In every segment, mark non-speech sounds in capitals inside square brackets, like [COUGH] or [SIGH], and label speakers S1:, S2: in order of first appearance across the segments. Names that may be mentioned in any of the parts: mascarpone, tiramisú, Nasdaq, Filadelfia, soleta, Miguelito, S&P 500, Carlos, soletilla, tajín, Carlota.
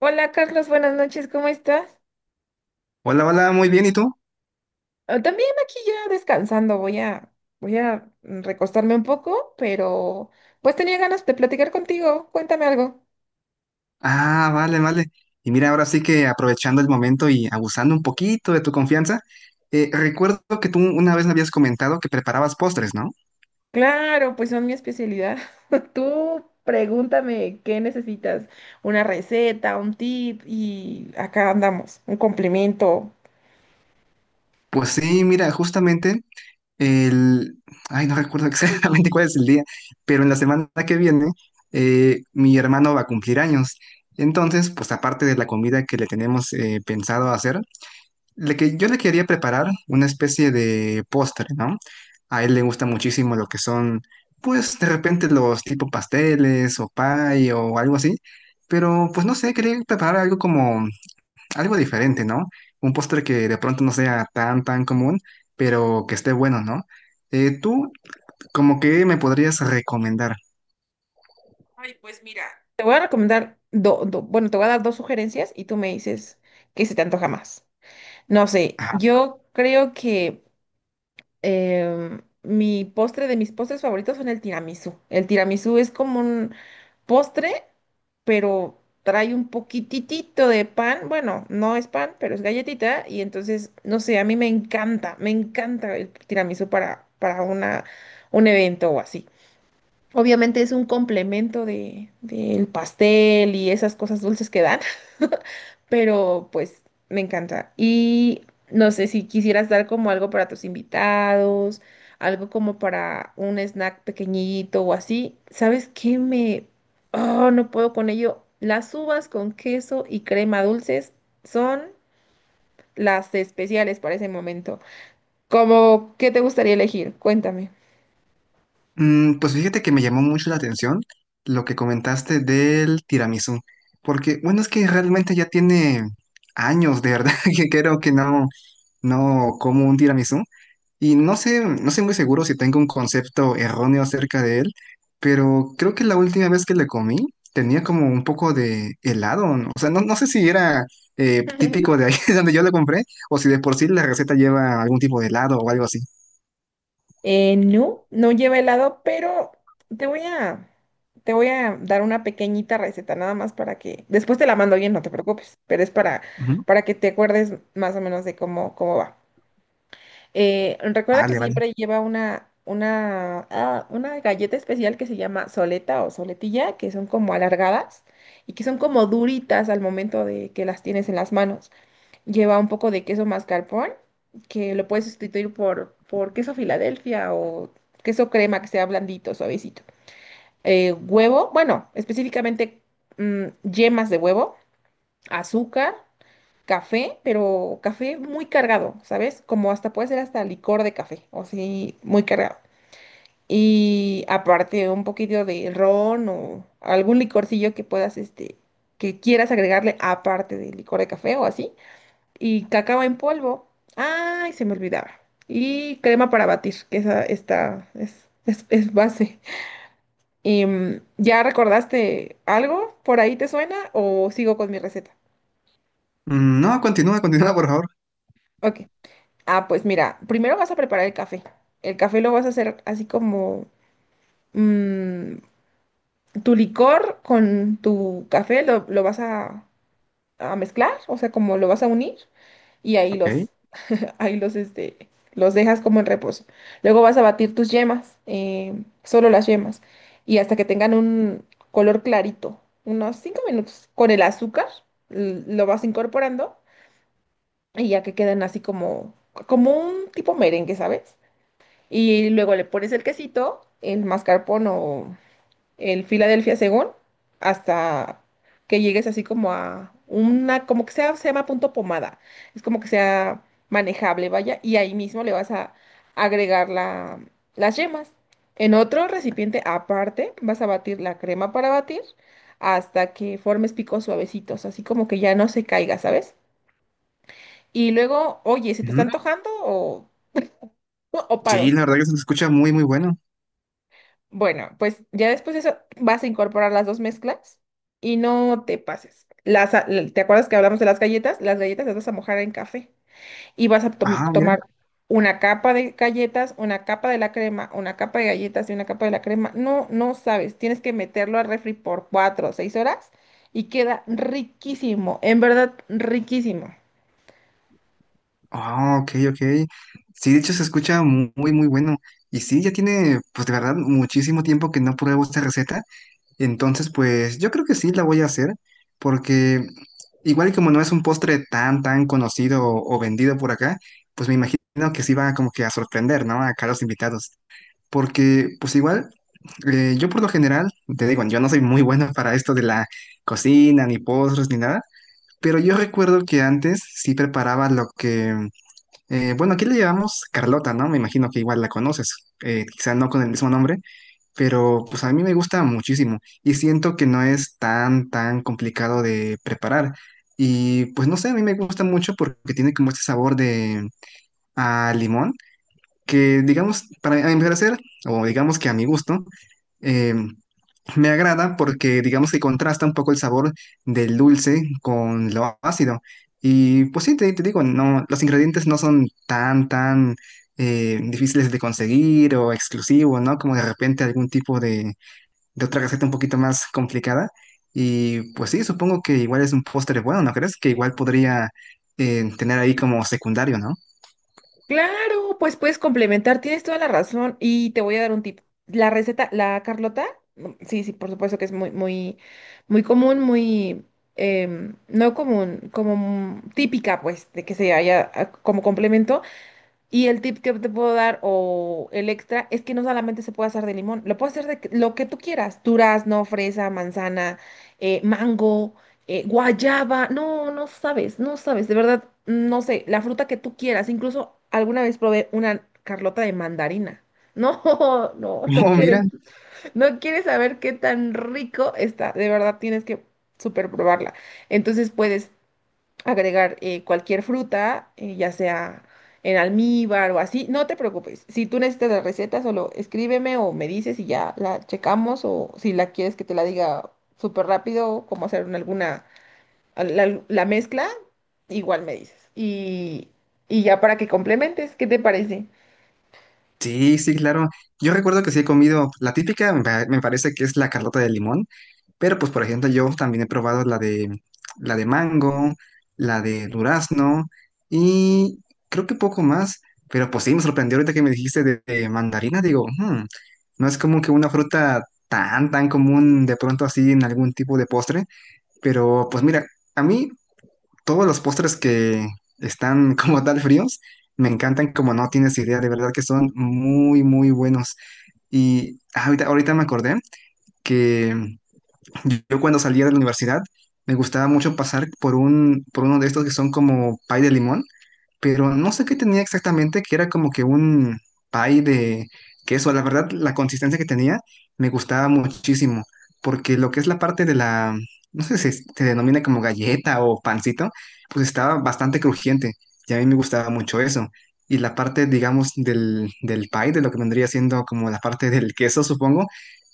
S1: Hola Carlos, buenas noches, ¿cómo estás?
S2: Hola, hola, muy bien, ¿y tú?
S1: Ah, también aquí ya descansando, voy a recostarme un poco, pero pues tenía ganas de platicar contigo, cuéntame algo.
S2: Ah, vale, vale. Y mira, ahora sí que aprovechando el momento y abusando un poquito de tu confianza, recuerdo que tú una vez me habías comentado que preparabas postres, ¿no?
S1: Claro, pues son mi especialidad. [LAUGHS] Tú pregúntame qué necesitas, una receta, un tip y acá andamos, un complemento.
S2: Pues sí, mira, justamente el... ay, no recuerdo [LAUGHS] exactamente cuál es el día, pero en la semana que viene mi hermano va a cumplir años. Entonces, pues aparte de la comida que le tenemos pensado hacer, Le que yo le quería preparar una especie de postre, ¿no? A él le gusta muchísimo lo que son, pues de repente los tipo pasteles o pie o algo así, pero pues no sé, quería preparar algo como algo diferente, ¿no? Un postre que de pronto no sea tan común, pero que esté bueno, ¿no? Tú, ¿como que me podrías recomendar?
S1: Ay, pues mira. Te voy a recomendar, do- do- bueno, Te voy a dar dos sugerencias y tú me dices qué se te antoja más. No sé, yo creo que mi postre de mis postres favoritos son el tiramisú. El tiramisú es como un postre, pero trae un poquitito de pan. Bueno, no es pan, pero es galletita. Y entonces, no sé, a mí me encanta el tiramisú un evento o así. Obviamente es un complemento del pastel y esas cosas dulces que dan, [LAUGHS] pero pues me encanta. Y no sé si quisieras dar como algo para tus invitados, algo como para un snack pequeñito o así. ¿Sabes qué me... Oh, no puedo con ello. Las uvas con queso y crema dulces son las especiales para ese momento. ¿Cómo ¿qué te gustaría elegir? Cuéntame.
S2: Mm, pues fíjate que me llamó mucho la atención lo que comentaste del tiramisú, porque bueno, es que realmente ya tiene años, de verdad, [LAUGHS] que creo que no, no como un tiramisú y no sé, no sé muy seguro si tengo un concepto erróneo acerca de él, pero creo que la última vez que le comí tenía como un poco de helado, ¿no? O sea, no, no sé si era
S1: [LAUGHS]
S2: típico de ahí [LAUGHS] donde yo lo compré o si de por sí la receta lleva algún tipo de helado o algo así.
S1: No, no lleva helado, pero te voy a, te voy a dar una pequeñita receta nada más para que, después te la mando bien, no te preocupes, pero es
S2: Ujú.
S1: para que te acuerdes más o menos de cómo va. Recuerda que
S2: Vale, vale.
S1: siempre lleva una galleta especial que se llama soleta o soletilla, que son como alargadas y que son como duritas al momento de que las tienes en las manos. Lleva un poco de queso mascarpone, que lo puedes sustituir por queso Filadelfia o queso crema que sea blandito, suavecito. Huevo, bueno, específicamente yemas de huevo, azúcar, café, pero café muy cargado, ¿sabes? Como hasta puede ser hasta licor de café, o sí, muy cargado. Y aparte un poquito de ron o algún licorcillo que puedas, que quieras agregarle aparte del licor de café o así y cacao en polvo. Ay, se me olvidaba. Y crema para batir, que esa esta es base. ¿Ya recordaste algo? ¿Por ahí te suena o sigo con mi receta?
S2: Mm, no, continúa, continúa, por favor.
S1: Ok. Ah, pues mira, primero vas a preparar el café. El café lo vas a hacer así como mm, tu licor con tu café a mezclar, o sea, como lo vas a unir y
S2: Ok.
S1: los dejas como en reposo. Luego vas a batir tus yemas, solo las yemas, y hasta que tengan un color clarito, unos 5 minutos. Con el azúcar lo vas incorporando y ya que queden como un tipo merengue, ¿sabes? Y luego le pones el quesito, el mascarpone o el Philadelphia, según, hasta que llegues así como como que sea, se llama punto pomada, es como que sea manejable, vaya, y ahí mismo le vas a agregar las yemas. En otro recipiente aparte vas a batir la crema para batir hasta que formes picos suavecitos, así como que ya no se caiga, ¿sabes? Y luego, oye, ¿se te está
S2: Ujú.
S1: antojando o
S2: Sí,
S1: paro?
S2: la verdad que se escucha muy, muy bueno.
S1: Bueno, pues ya después de eso vas a incorporar las dos mezclas y no te pases. ¿Te acuerdas que hablamos de las galletas? Las galletas las vas a mojar en café y vas a
S2: Ah, mira.
S1: tomar una capa de galletas, una capa de la crema, una capa de galletas y una capa de la crema. No, no sabes, tienes que meterlo al refri por cuatro o seis horas y queda riquísimo, en verdad riquísimo.
S2: Ah, ok, ok. Sí, de hecho se escucha muy, muy bueno. Y sí, ya tiene, pues de verdad, muchísimo tiempo que no pruebo esta receta. Entonces, pues yo creo que sí la voy a hacer, porque igual y como no es un postre tan, tan conocido o vendido por acá, pues me imagino que sí va como que a sorprender, ¿no? Acá los invitados. Porque, pues igual, yo por lo general, te digo, yo no soy muy bueno para esto de la cocina, ni postres, ni nada. Pero yo recuerdo que antes sí preparaba lo que, bueno, aquí le llamamos Carlota, ¿no? Me imagino que igual la conoces, quizá no con el mismo nombre, pero pues a mí me gusta muchísimo y siento que no es tan, tan complicado de preparar. Y pues no sé, a mí me gusta mucho porque tiene como este sabor de a limón, que digamos, para a mi parecer, o digamos que a mi gusto, eh, me agrada porque digamos que contrasta un poco el sabor del dulce con lo ácido. Y pues sí, te digo, no, los ingredientes no son tan, tan difíciles de conseguir o exclusivos, ¿no? Como de repente algún tipo de otra receta un poquito más complicada. Y pues sí, supongo que igual es un postre bueno, ¿no crees? Que igual podría tener ahí como secundario, ¿no?
S1: Claro, pues puedes complementar, tienes toda la razón y te voy a dar un tip. La receta, la Carlota, sí, sí, por supuesto que es muy común, no común, como típica, pues, de que se haya ah, como complemento. Y el tip que te puedo dar o el extra es que no solamente se puede hacer de limón, lo puedes hacer de lo que tú quieras, durazno, fresa, manzana, mango, guayaba, no sabes, de verdad, no sé, la fruta que tú quieras, incluso alguna vez probé una carlota de mandarina. No, [LAUGHS] no,
S2: [LAUGHS] Oh, mira.
S1: no quieres saber qué tan rico está, de verdad tienes que super probarla. Entonces puedes agregar cualquier fruta, ya sea en almíbar o así, no te preocupes. Si tú necesitas la receta, solo escríbeme o me dices y ya la checamos o si la quieres que te la diga súper rápido, cómo hacer en alguna, la mezcla, igual me dices. Y ya para que complementes, ¿qué te parece?
S2: Sí, sí, claro. Yo recuerdo que sí he comido la típica, me parece que es la carlota de limón, pero pues por ejemplo yo también he probado la de mango, la de durazno y creo que poco más, pero pues sí me sorprendió ahorita que me dijiste de mandarina, digo, "Hmm, no es como que una fruta tan común de pronto así en algún tipo de postre, pero pues mira, a mí todos los postres que están [LAUGHS] como tal fríos, me encantan como no tienes idea, de verdad que son muy, muy buenos. Y ahorita, ahorita me acordé que yo cuando salía de la universidad me gustaba mucho pasar por por uno de estos que son como pay de limón pero no sé qué tenía exactamente, que era como que un pie de queso. La verdad, la consistencia que tenía me gustaba muchísimo, porque lo que es la parte de la, no sé si se denomina como galleta o pancito, pues estaba bastante crujiente y a mí me gustaba mucho eso. Y la parte, digamos, del, del pie, de lo que vendría siendo como la parte del queso, supongo,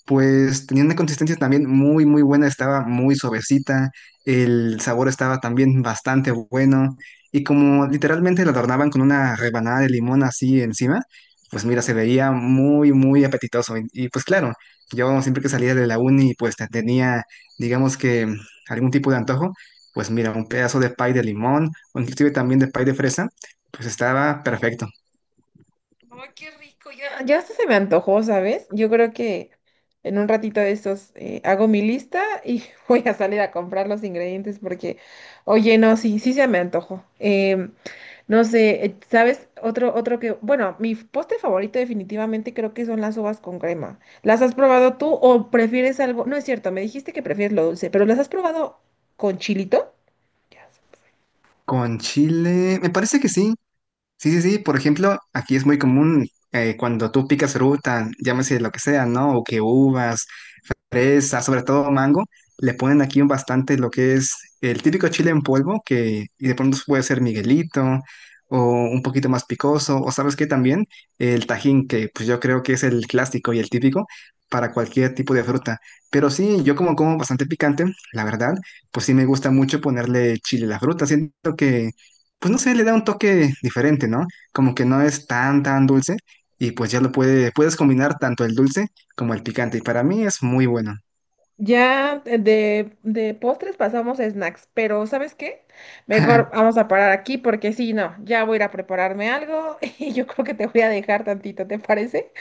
S2: pues tenía una consistencia también muy, muy buena, estaba muy suavecita, el sabor estaba también bastante bueno y como literalmente lo adornaban con una rebanada de limón así encima, pues mira, se veía muy, muy apetitoso. Y, pues claro, yo siempre que salía de la uni, pues tenía, digamos que mm, algún tipo de antojo, pues mira, un pedazo de pie de limón, o inclusive también de pie de fresa, pues estaba perfecto.
S1: Ay, qué rico. Ya hasta se me antojó, ¿sabes? Yo creo que en un ratito de estos hago mi lista y [LAUGHS] voy a salir a comprar los ingredientes porque, oye, no, sí se me antojó. No sé, ¿sabes? Otro que, bueno, postre favorito definitivamente creo que son las uvas con crema. ¿Las has probado tú o prefieres algo? No es cierto, me dijiste que prefieres lo dulce, pero ¿las has probado con chilito? Ya.
S2: Con chile, me parece que sí, sí, sí, sí. Por ejemplo, aquí es muy común cuando tú picas fruta, llámese lo que sea, ¿no? O que uvas, fresa, sobre todo mango, le ponen aquí un bastante lo que es el típico chile en polvo, que y de pronto puede ser Miguelito, o un poquito más picoso, o sabes qué también, el tajín, que pues yo creo que es el clásico y el típico para cualquier tipo de fruta. Pero sí, yo como como bastante picante, la verdad, pues sí me gusta mucho ponerle chile a la fruta. Siento que pues no sé, le da un toque diferente, ¿no? Como que no es tan, tan dulce y pues ya lo puede, puedes combinar tanto el dulce como el picante y para mí es muy bueno.
S1: Ya de postres pasamos a snacks, pero ¿sabes qué? Mejor
S2: [LAUGHS]
S1: vamos a parar aquí porque si no, ya voy a ir a prepararme algo [LAUGHS] y yo creo que te voy a dejar tantito, ¿te parece?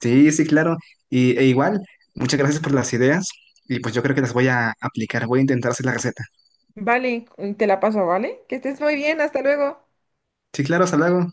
S2: Sí, sí, claro. Y, e igual, muchas gracias por las ideas y pues yo creo que las voy a aplicar, voy a intentar hacer la receta.
S1: Vale, te la paso, ¿vale? Que estés muy bien, hasta luego.
S2: Sí, claro, hasta luego.